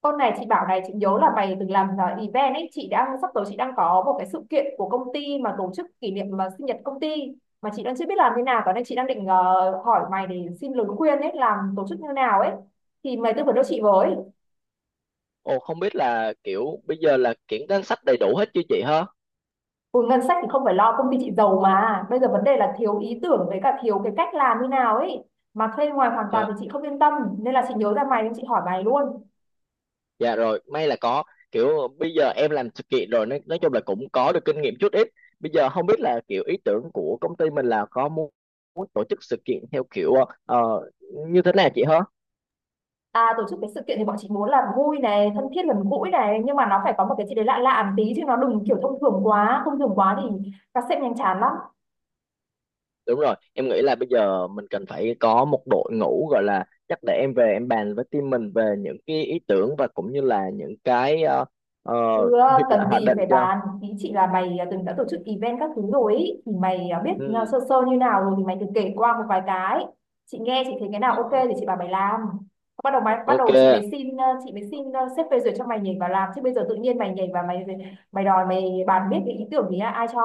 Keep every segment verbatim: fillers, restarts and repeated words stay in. Con này chị bảo này, chị nhớ là mày từng làm uh, event ấy. Chị đang sắp tới, chị đang có một cái sự kiện của công ty mà tổ chức kỷ niệm, mà sinh nhật công ty mà chị đang chưa biết làm thế nào. Tối nay chị đang định ờ, hỏi mày để xin lời khuyên ấy, làm tổ chức như nào ấy, thì mày tư vấn cho chị với. Ồ không biết là kiểu bây giờ là kiểu danh sách đầy đủ hết chưa chị hả? Ừ, ngân sách thì không phải lo, công ty chị giàu, mà bây giờ vấn đề là thiếu ý tưởng với cả thiếu cái cách làm như nào ấy, mà thuê ngoài hoàn toàn Trời, thì chị không yên tâm, nên là chị nhớ ra mày nên chị hỏi mày luôn. dạ rồi, may là có. Kiểu bây giờ em làm sự kiện rồi nên nói chung là cũng có được kinh nghiệm chút ít. Bây giờ không biết là kiểu ý tưởng của công ty mình là có muốn, muốn tổ chức sự kiện theo kiểu ờ, ờ, như thế nào chị hả? À, tổ chức cái sự kiện thì bọn chị muốn là vui này, thân thiết gần gũi này, nhưng mà nó phải có một cái gì đấy lạ lạ một tí, chứ nó đừng kiểu thông thường quá, thông thường quá thì các sếp nhanh chán lắm. Đúng rồi, em nghĩ là bây giờ mình cần phải có một đội ngũ gọi là chắc để em về em bàn với team mình về những cái ý tưởng và cũng như là những cái ờ, ờ, Chứ ờ, cần hoạch gì định phải cho. bàn, ý chị là mày ờ, từng đã tổ chức event các thứ rồi ý, thì mày ờ, biết ờ, Ừ. sơ sơ như nào rồi thì mày cứ kể qua một vài cái. Chị nghe chị thấy cái nào ok Ờ, thì chị bảo mày làm. Bắt đầu mày bắt Ok, đầu chị mới xin ờ, chị mới xin ờ, sếp phê duyệt cho mày nhảy vào làm, chứ bây giờ tự nhiên mày nhảy vào mày mày đòi mày bàn biết cái ý tưởng thì ai cho?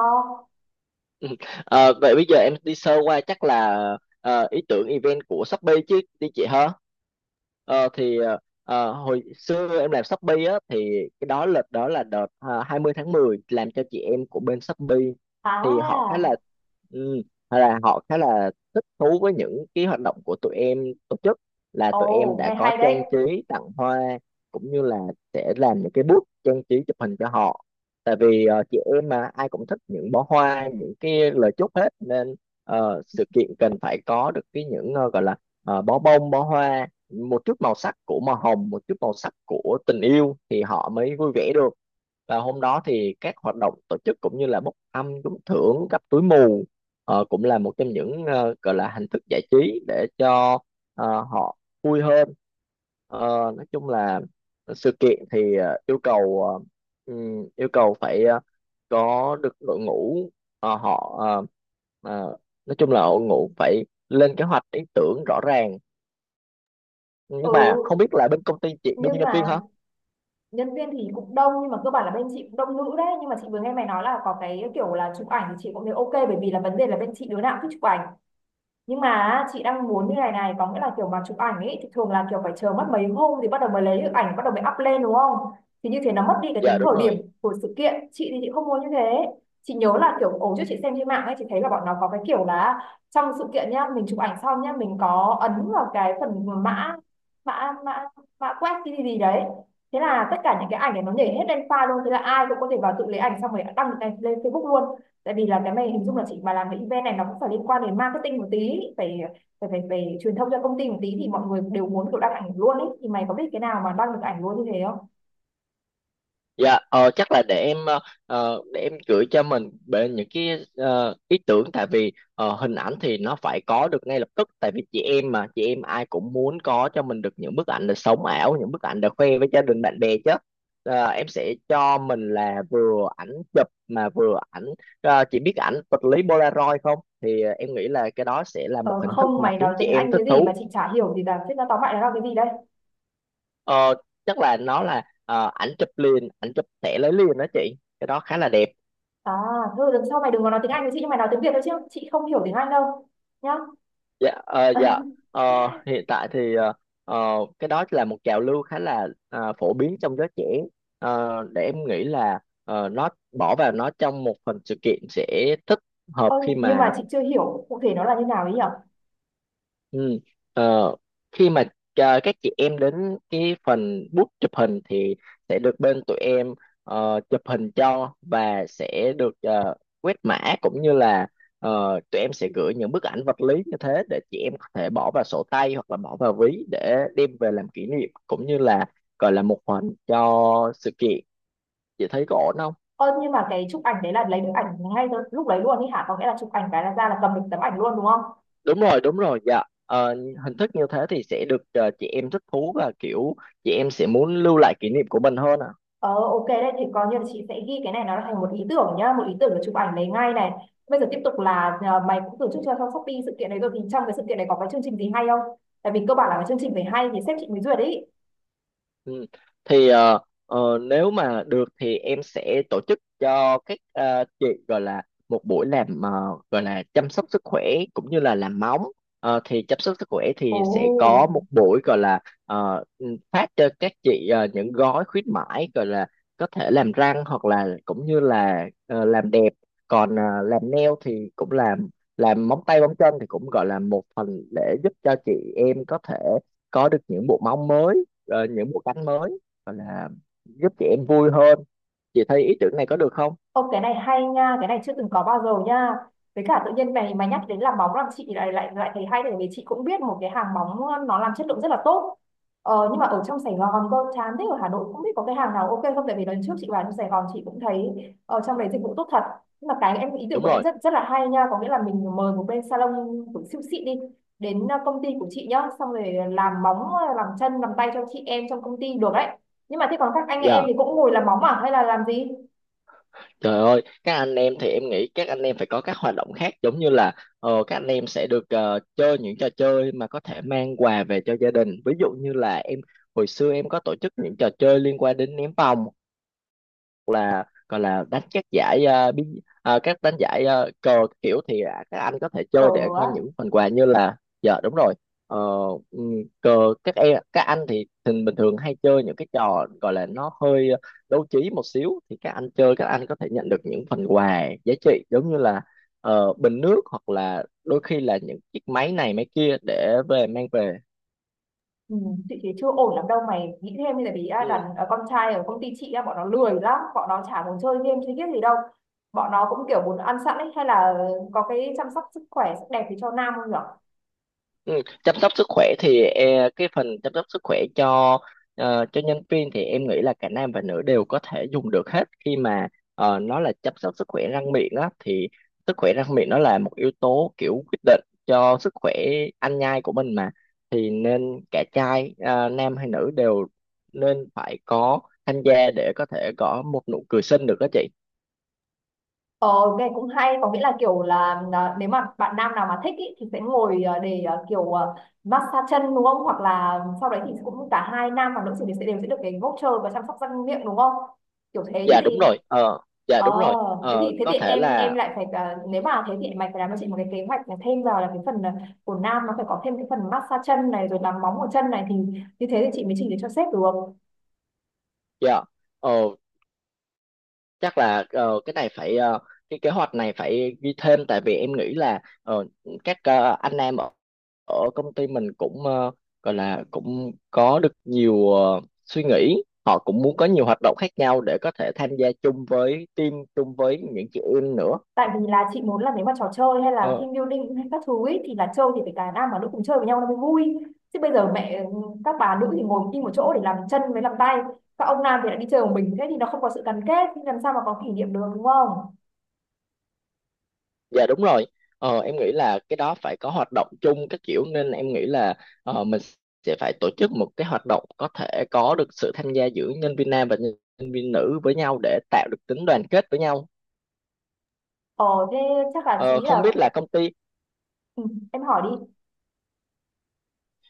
Ờ, vậy bây giờ em đi sơ qua chắc là ờ, ý tưởng event của Shopee chứ đi chị hả? Ờ, thì ờ, ờ, hồi xưa em làm Shopee á thì cái đó lịch đó là đợt ờ, hai mươi tháng mười làm cho chị em của bên Shopee thì họ khá là À, ừ, là họ khá là thích thú với những cái hoạt động của tụi em tổ chức, là tụi em ồ, đã nghe có hay đấy. trang trí tặng hoa cũng như là sẽ làm những cái booth trang trí chụp hình cho họ tại vì ờ, chị em mà ai cũng thích những bó hoa những cái lời chúc hết nên ờ, sự kiện cần phải có được cái những ờ, gọi là ờ, bó bông bó hoa, một chút màu sắc của màu hồng, một chút màu sắc của tình yêu thì họ mới vui vẻ được. Và hôm đó thì các hoạt động tổ chức cũng như là bốc thăm trúng thưởng cặp túi mù ờ, cũng là một trong những ờ, gọi là hình thức giải trí để cho ờ, họ vui hơn. Ờ, nói chung là sự kiện thì ờ, yêu cầu ờ, ừm, yêu cầu phải ờ, có được đội ngũ ờ, họ ờ, ờ, nói chung là đội ngũ phải lên kế hoạch ý tưởng rõ ràng, nhưng Ừ, mà không biết là bên công ty chị bên nhưng nhân viên mà hả. nhân viên thì cũng đông, nhưng mà cơ bản là bên chị cũng đông nữ đấy, nhưng mà chị vừa nghe mày nói là có cái kiểu là chụp ảnh thì chị cũng thấy ok, bởi vì là vấn đề là bên chị đứa nào cũng thích chụp ảnh. Nhưng mà chị đang muốn như này này, có nghĩa là kiểu mà chụp ảnh ấy thì thường là kiểu phải chờ mất mấy hôm thì bắt đầu mới lấy được ảnh, bắt đầu mới up lên đúng không, thì như thế nó mất đi cái Dạ tính đúng thời điểm rồi. của sự kiện, chị thì chị không muốn như thế. Chị nhớ là kiểu ổ trước chị xem trên mạng ấy, chị thấy là bọn nó có cái kiểu là trong sự kiện nhá, mình chụp ảnh xong nhá, mình có ấn vào cái phần mã, mã mã mã quét cái gì gì đấy, thế là tất cả những cái ảnh này nó nhảy hết lên file luôn, thế là ai cũng có thể vào tự lấy ảnh xong rồi đăng lên lên Facebook luôn. Tại vì là cái này hình dung là chị mà làm cái event này nó cũng phải liên quan đến marketing một tí, phải phải phải, phải truyền thông cho công ty một tí, thì mọi người đều muốn kiểu đăng ảnh luôn ấy, thì mày có biết cái nào mà đăng được ảnh luôn như thế không? Dạ ờ, chắc là để em ờ, ờ, để em gửi cho mình về những cái ờ, ý tưởng, tại vì ờ, hình ảnh thì nó phải có được ngay lập tức, tại vì chị em mà chị em ai cũng muốn có cho mình được những bức ảnh là sống ảo, những bức ảnh để khoe với gia đình bạn bè chứ. Ờ, em sẽ cho mình là vừa ảnh chụp mà vừa ảnh, ờ, chị biết ảnh vật lý Polaroid không thì ờ, em nghĩ là cái đó sẽ là một ờ, hình thức Không, mà mày khiến nói chị tiếng em Anh thích cái gì mà thú. chị chả hiểu, thì là thế, nó tóm lại là cái gì đây? Ờ, chắc là nó là ờ, ảnh chụp liền, ảnh chụp thẻ lấy liền đó chị. Cái đó khá là đẹp. À, thôi lần sau mày đừng có nói tiếng Anh với chị, nhưng mày nói tiếng Việt thôi, chứ chị không hiểu tiếng Anh đâu nhá. Dạ, ờ, dạ. Ờ, hiện tại thì ờ, ờ, cái đó là một trào lưu khá là ờ, phổ biến trong giới trẻ. Ờ, để em nghĩ là ờ, nó bỏ vào nó trong một phần sự kiện sẽ thích hợp Ơ, khi nhưng mà. mà chị chưa hiểu cụ thể nó là như nào ấy nhỉ? Ừ. Ờ, khi mà à, các chị em đến cái phần bút chụp hình thì sẽ được bên tụi em ờ, chụp hình cho và sẽ được ờ, quét mã cũng như là ờ, tụi em sẽ gửi những bức ảnh vật lý như thế để chị em có thể bỏ vào sổ tay hoặc là bỏ vào ví để đem về làm kỷ niệm cũng như là gọi là một phần cho sự kiện. Chị thấy có ổn không? Ơ, nhưng mà cái chụp ảnh đấy là lấy được ảnh ngay từ lúc đấy luôn ấy hả? Có nghĩa là chụp ảnh cái là ra là cầm được tấm ảnh luôn đúng không? Đúng rồi, đúng rồi, dạ. Ờ, hình thức như thế thì sẽ được ờ, chị em thích thú và kiểu chị em sẽ muốn lưu lại kỷ niệm của mình hơn ạ. Ờ ok đấy, thì coi như là chị sẽ ghi cái này nó thành một ý tưởng nhá, một ý tưởng để chụp ảnh lấy ngay này. Bây giờ tiếp tục là à, mày cũng tổ chức cho trong Shopee sự kiện đấy rồi, thì trong cái sự kiện này có cái chương trình gì hay không? Tại vì cơ bản là cái chương trình phải hay thì sếp chị mới duyệt đấy. Ừ. Thì ờ, ờ, nếu mà được thì em sẽ tổ chức cho các ờ, chị gọi là một buổi làm ờ, gọi là chăm sóc sức khỏe cũng như là làm móng. Ờ, thì chăm sóc sức khỏe Ồ. thì sẽ có một buổi gọi là ờ, ừ, phát cho các chị ờ, những gói khuyến mãi gọi là có thể làm răng hoặc là cũng như là ờ, làm đẹp. Còn ờ, làm nail thì cũng làm làm móng tay móng chân thì cũng gọi là một phần để giúp cho chị em có thể có được những bộ móng mới, ờ, những bộ cánh mới, hoặc là giúp chị em vui hơn. Chị thấy ý tưởng này có được không? Ô cái này hay nha, cái này chưa từng có bao giờ nha. Với cả tự nhiên mày mày nhắc đến làm móng làm chị lại lại lại thấy hay, tại vì chị cũng biết một cái hàng móng nó làm chất lượng rất là tốt. Ờ, nhưng mà ở trong Sài Gòn cơ chán thế, ở Hà Nội cũng biết có cái hàng nào ok không, tại vì lần trước chị vào trong Sài Gòn chị cũng thấy ở trong đấy dịch vụ tốt thật. Nhưng mà cái em ý tưởng Đúng của em rồi. rất rất là hay nha, có nghĩa là mình mời một bên salon của siêu xịn đi đến ờ, công ty của chị nhá, xong rồi làm móng, ờ, làm chân, làm tay cho chị em trong công ty được đấy. Nhưng mà thế còn các anh em Dạ, thì cũng ngồi làm móng à hay là làm gì? trời ơi, các anh em thì em nghĩ các anh em phải có các hoạt động khác giống như là ờ, các anh em sẽ được ờ, chơi những trò chơi mà có thể mang quà về cho gia đình. Ví dụ như là em hồi xưa em có tổ chức những trò chơi liên quan đến ném vòng, còn là đánh các giải ờ, bí, ờ, các đánh giải ờ, cờ kiểu thì à, các anh có thể Cờ chơi để á. mang những phần quà như là. Dạ đúng rồi. Ờ, ừm, cờ các em các anh thì thường bình thường hay chơi những cái trò gọi là nó hơi đấu trí một xíu thì các anh chơi các anh có thể nhận được những phần quà giá trị giống như là ờ, bình nước hoặc là đôi khi là những chiếc máy này máy kia để về mang về. Ừ, chị thấy chưa ổn lắm đâu, mày nghĩ thêm đi, tại vì à, đàn Ừ. à, con trai ở công ty chị á, bọn nó lười lắm, bọn nó chả muốn chơi game chơi biết gì đâu, bọn nó cũng kiểu muốn ăn sẵn ấy, hay là có cái chăm sóc sức khỏe sắc đẹp thì cho nam không nhở? Ừ, chăm sóc sức khỏe thì e, cái phần chăm sóc sức khỏe cho ờ, cho nhân viên thì em nghĩ là cả nam và nữ đều có thể dùng được hết, khi mà ờ, nó là chăm sóc sức khỏe răng miệng á thì sức khỏe răng miệng nó là một yếu tố kiểu quyết định cho sức khỏe ăn nhai của mình mà, thì nên cả trai ờ, nam hay nữ đều nên phải có tham gia để có thể có một nụ cười xinh được đó chị. Ờ nghe cũng hay, có nghĩa là kiểu là à, nếu mà bạn nam nào mà thích ý, thì sẽ ngồi à, để à, kiểu à, massage chân đúng không, hoặc là sau đấy thì cũng cả hai nam và nữ thì sẽ đều sẽ được cái voucher và chăm sóc răng miệng đúng không, kiểu thế chứ Dạ đúng gì. rồi, ờ, dạ Ờ, đúng rồi, thế ờ, thì thế có thì thể em em là. lại phải ờ, nếu mà thế thì mày phải làm cho chị một cái kế hoạch là thêm vào là cái phần ờ, của nam, nó phải có thêm cái phần massage chân này rồi làm móng ở chân này, thì như thế thì chị mới trình được cho sếp được. Dạ. Ờ, chắc là ờ, cái này phải ờ, cái kế hoạch này phải ghi thêm, tại vì em nghĩ là ờ, các ờ, anh em ở ở công ty mình cũng ờ, gọi là cũng có được nhiều ờ, suy nghĩ, họ cũng muốn có nhiều hoạt động khác nhau để có thể tham gia chung với team chung với những chị em nữa. Tại vì là chị muốn là nếu mà trò chơi hay là Ờ, team building hay các thứ ý, thì là chơi thì phải cả nam và nữ cùng chơi với nhau nó mới vui. Chứ bây giờ mẹ ừ, các bà nữ thì ngồi im một chỗ để làm chân với làm tay, các ông nam thì lại đi chơi một mình, thế thì nó không có sự gắn kết, thì làm sao mà có kỷ niệm được đúng không? Dạ đúng rồi. Ờ, em nghĩ là cái đó phải có hoạt động chung các kiểu, nên em nghĩ là ờ, mình sẽ phải tổ chức một cái hoạt động có thể có được sự tham gia giữa nhân viên nam và nhân viên nữ với nhau để tạo được tính đoàn kết với nhau. Ờ thế chắc là chị Ờ, nghĩ không là biết là công ty, ừ, em hỏi đi.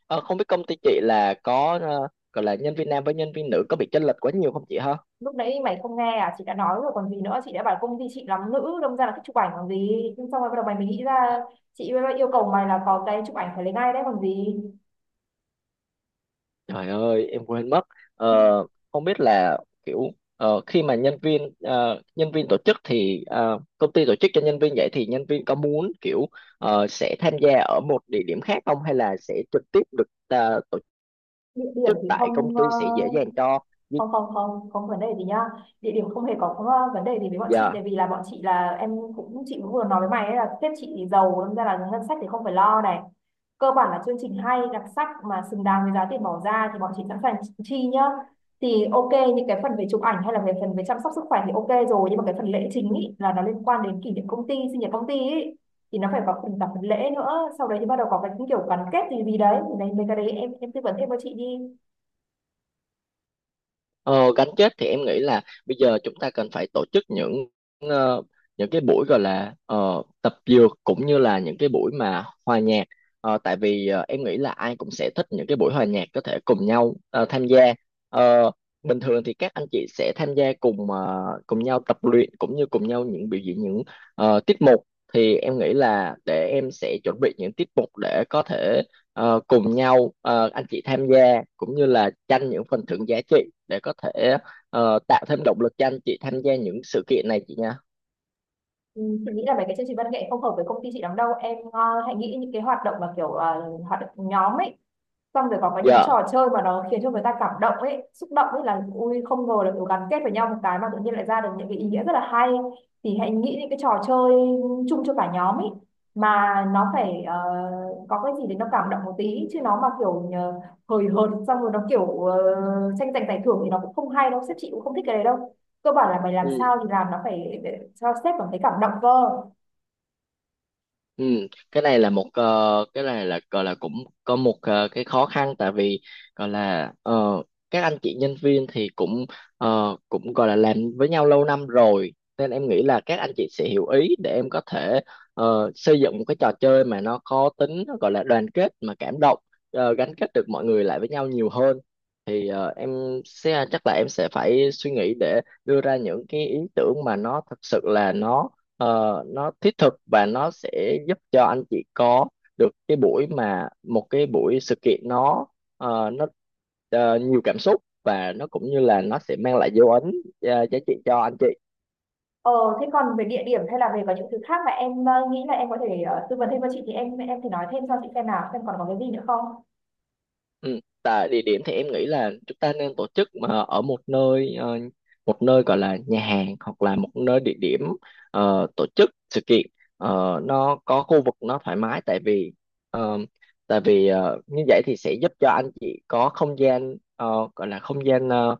ờ, không biết công ty chị là có ờ, gọi là nhân viên nam với nhân viên nữ có bị chênh lệch quá nhiều không chị ha? Lúc nãy mày không nghe à, chị đã nói rồi còn gì nữa, chị đã bảo công ty chị làm nữ đâm ra là cái chụp ảnh còn gì. Nhưng xong rồi bắt đầu mày mới nghĩ ra, chị yêu cầu mày là có cái chụp ảnh phải lấy ngay đấy còn gì. Trời ơi, em quên mất. Ờ, không biết là kiểu ờ, khi mà nhân viên ờ, nhân viên tổ chức thì ờ, công ty tổ chức cho nhân viên vậy thì nhân viên có muốn kiểu ờ, sẽ tham gia ở một địa điểm khác không hay là sẽ trực tiếp được ờ, tổ Địa điểm chức thì tại công không ờ, ty sẽ dễ dàng cho? không không không không vấn đề gì nhá, địa điểm không hề có ờ, vấn đề gì với bọn chị, tại Dạ. vì là bọn chị là em cũng, chị cũng vừa nói với mày ấy, là sếp chị thì giàu, nên ra là ngân sách thì không phải lo này, cơ bản là chương trình hay đặc sắc mà xứng đáng với giá tiền bỏ ra thì bọn chị sẵn sàng chi nhá. Thì ok, những cái phần về chụp ảnh hay là về phần về chăm sóc sức khỏe thì ok rồi, nhưng mà cái phần lễ chính ý, là nó liên quan đến kỷ niệm công ty, sinh nhật công ty ý, thì nó phải có phần cả phần lễ nữa, sau đấy thì bắt đầu có cái kiểu gắn kết gì gì đấy, thì đấy mấy cái đấy em em tư vấn thêm cho chị đi. Ờ, gắn kết thì em nghĩ là bây giờ chúng ta cần phải tổ chức những ờ, những cái buổi gọi là ờ, tập dược cũng như là những cái buổi mà hòa nhạc. Ờ, tại vì ờ, em nghĩ là ai cũng sẽ thích những cái buổi hòa nhạc có thể cùng nhau ờ, tham gia. Ờ, bình thường thì các anh chị sẽ tham gia cùng ờ, cùng nhau tập luyện cũng như cùng nhau những biểu diễn những ờ, tiết mục, thì em nghĩ là để em sẽ chuẩn bị những tiết mục để có thể ờ, cùng nhau ờ, anh chị tham gia cũng như là tranh những phần thưởng giá trị để có thể ờ, tạo thêm động lực cho anh chị tham gia những sự kiện này chị nha. Ừ, chị nghĩ là mấy cái chương trình văn nghệ không hợp với công ty chị lắm đâu em, ờ, hãy nghĩ những cái hoạt động mà kiểu ờ, hoạt động nhóm ấy, xong rồi còn có những Dạ. trò chơi mà nó khiến cho người ta cảm động ấy, xúc động ấy, là ui không ngờ là kiểu gắn kết với nhau một cái mà tự nhiên lại ra được những cái ý nghĩa rất là hay, thì hãy nghĩ những cái trò chơi chung cho cả nhóm ấy, mà nó phải ờ, có cái gì để nó cảm động một tí, chứ nó mà kiểu ờ, hời hợt, xong rồi nó kiểu uh, tranh giành giải thưởng thì nó cũng không hay đâu, sếp chị cũng không thích cái đấy đâu, cơ bản là mày làm Ừ. sao thì làm nó phải để cho sếp cảm thấy cảm động cơ. Ừ, cái này là một ờ, cái này là gọi là cũng có một ờ, cái khó khăn, tại vì gọi là ờ, các anh chị nhân viên thì cũng ờ, cũng gọi là làm với nhau lâu năm rồi, nên em nghĩ là các anh chị sẽ hiểu ý để em có thể ờ, xây dựng một cái trò chơi mà nó có tính nó gọi là đoàn kết mà cảm động, ờ, gắn kết được mọi người lại với nhau nhiều hơn. Thì ờ, em sẽ chắc là em sẽ phải suy nghĩ để đưa ra những cái ý tưởng mà nó thật sự là nó, Ờ, nó thiết thực và nó sẽ giúp cho anh chị có được cái buổi mà một cái buổi sự kiện nó ờ, nó ờ, nhiều cảm xúc, và nó cũng như là nó sẽ mang lại dấu ấn ờ, giá trị cho anh chị. Ờ, thế còn về địa điểm hay là về có những thứ khác mà em ờ, nghĩ là em có thể ờ, tư vấn thêm cho chị thì em em thì nói thêm cho chị xem nào, xem còn có cái gì nữa không. Ừ. Tại địa điểm thì em nghĩ là chúng ta nên tổ chức mà ở một nơi, ờ, một nơi gọi là nhà hàng hoặc là một nơi địa điểm ờ, tổ chức sự kiện. Ờ, nó có khu vực nó thoải mái, tại vì ờ, tại vì ờ, như vậy thì sẽ giúp cho anh chị có không gian, ờ, gọi là không gian, ờ,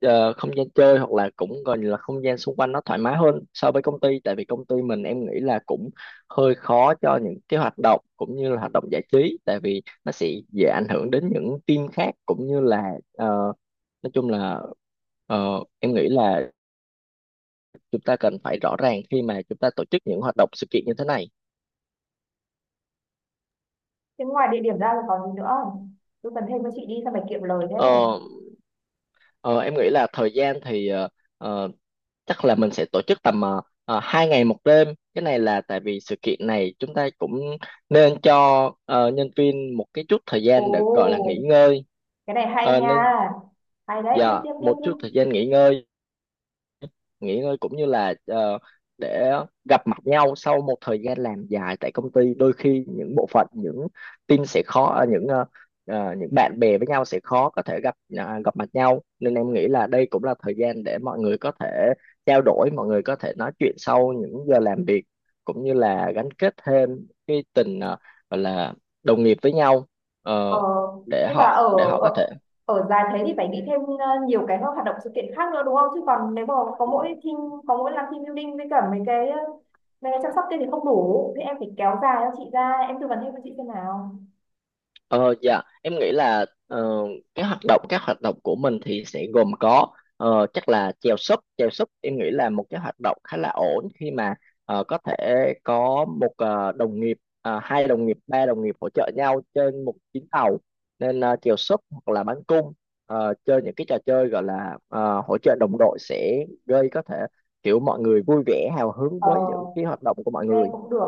ờ, không gian chơi hoặc là cũng gọi là không gian xung quanh nó thoải mái hơn so với công ty, tại vì công ty mình em nghĩ là cũng hơi khó cho những cái hoạt động cũng như là hoạt động giải trí, tại vì nó sẽ dễ ảnh hưởng đến những team khác cũng như là ờ, nói chung là ờ, em nghĩ là chúng ta cần phải rõ ràng khi mà chúng ta tổ chức những hoạt động sự kiện như thế này. Thế ngoài địa điểm ra là còn gì nữa không? Tư vấn thêm cho chị đi, sao phải kiệm lời thế. Ờ, ờ, em nghĩ là thời gian thì ờ, ờ, chắc là mình sẽ tổ chức tầm uh, hai ngày một đêm. Cái này là tại vì sự kiện này chúng ta cũng nên cho ờ, nhân viên một cái chút thời Ồ, gian để gọi là nghỉ ngơi. cái này hay Ờ, nên nha. Hay đấy, tiếp dạ tiếp tiếp một tiếp. chút thời gian nghỉ ngơi, nghỉ ngơi cũng như là ờ, để gặp mặt nhau sau một thời gian làm dài tại công ty, đôi khi những bộ phận những team sẽ khó, ờ, những ờ, ờ, những bạn bè với nhau sẽ khó có thể gặp à, gặp mặt nhau, nên em nghĩ là đây cũng là thời gian để mọi người có thể trao đổi, mọi người có thể nói chuyện sau những giờ làm việc cũng như là gắn kết thêm cái tình ờ, gọi là đồng nghiệp với nhau. Ờ, Ờ, để nhưng mà họ ở để họ có ở thể. ở dài thế thì phải nghĩ thêm ờ, nhiều cái hoạt động sự kiện khác nữa đúng không? Chứ còn nếu mà có mỗi team, có mỗi làm team building với cả mấy cái ờ, mấy cái chăm sóc kia thì không đủ. Thế em phải kéo dài cho chị ra, em tư vấn thêm cho chị xem nào. Ờ dạ em nghĩ là ờ, cái hoạt động các hoạt động của mình thì sẽ gồm có ờ, chắc là chèo súp. Chèo súp em nghĩ là một cái hoạt động khá là ổn khi mà ờ, có thể có một ờ, đồng nghiệp, ờ, hai đồng nghiệp, ba đồng nghiệp hỗ trợ nhau trên một chuyến tàu, nên ờ, chèo súp hoặc là bắn cung, ờ, chơi những cái trò chơi gọi là ờ, hỗ trợ đồng đội sẽ gây có thể kiểu mọi người vui vẻ hào hứng Ờ, với những cái hoạt động của mọi nghe người. cũng được.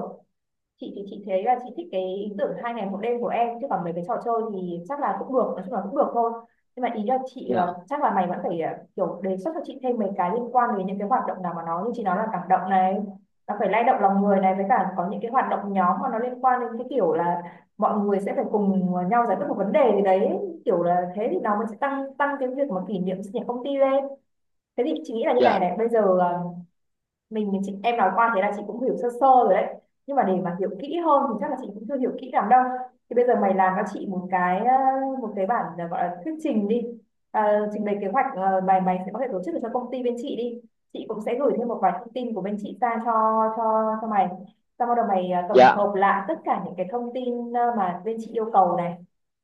Chị thì chị thấy là chị thích cái ý tưởng hai ngày một đêm của em, chứ còn mấy cái trò chơi thì chắc là cũng được, nói chung là cũng được thôi. Nhưng mà ý là chị ờ, Dạ, chắc là mày vẫn phải ờ, kiểu đề xuất cho chị thêm mấy cái liên quan đến những cái hoạt động nào mà nó như chị nói là cảm động này, nó phải lay động lòng người này, với cả có những cái hoạt động nhóm mà nó liên quan đến cái kiểu là mọi người sẽ phải cùng nhau giải quyết một vấn đề gì đấy, kiểu là thế thì nó mới sẽ tăng tăng cái việc mà kỷ niệm sinh nhật công ty lên. Thế thì chị nghĩ là như dạ, này này, bây giờ ờ, mình mình chị em nói qua thế là chị cũng hiểu sơ sơ rồi đấy, nhưng mà để mà hiểu kỹ hơn thì chắc là chị cũng chưa hiểu kỹ lắm đâu, thì bây giờ mày làm cho chị một cái ờ, một cái bản ờ, gọi là thuyết trình đi. Ờ, trình bày kế hoạch ờ, mày mày sẽ có thể tổ chức được cho công ty bên chị đi, chị cũng sẽ gửi thêm một vài thông tin của bên chị sang cho cho cho mày, xong bắt đầu mày ờ, tổng dạ. hợp lại tất cả những cái thông tin ờ, mà bên chị yêu cầu này,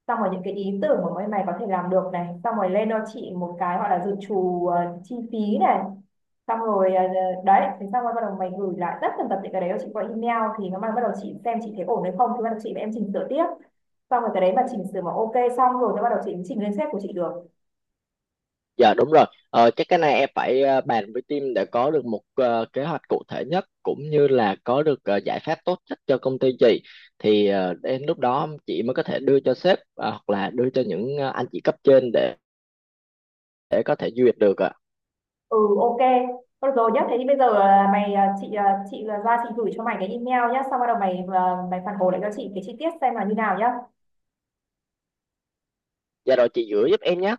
xong rồi những cái ý tưởng mà bên mày có thể làm được này, xong rồi lên cho chị một cái gọi là dự trù ờ, chi phí này, xong rồi ờ, đấy thế xong rồi bắt đầu mày gửi lại tất tần tật những cái đấy cho chị qua email, thì nó bắt đầu chị xem chị thấy ổn hay không thì bắt đầu chị và em chỉnh sửa tiếp, xong rồi cái đấy mà chỉnh sửa mà ok xong rồi thì bắt đầu chị chỉnh lên sếp của chị được. Dạ đúng rồi, ờ, chắc cái này em phải ờ, bàn với team để có được một ờ, kế hoạch cụ thể nhất cũng như là có được ờ, giải pháp tốt nhất cho công ty chị, thì ờ, đến lúc đó chị mới có thể đưa cho sếp ờ, hoặc là đưa cho những ờ, anh chị cấp trên để để có thể duyệt được ạ. Ừ ok. Thôi được rồi nhá, thế thì bây giờ à, mày à, chị à, chị à, ra chị gửi cho mày cái email nhá, xong bắt đầu mày à, mày phản hồi lại cho chị cái chi tiết xem là như nào nhá. Dạ rồi chị gửi giúp em nhé.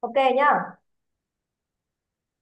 Ok nhá.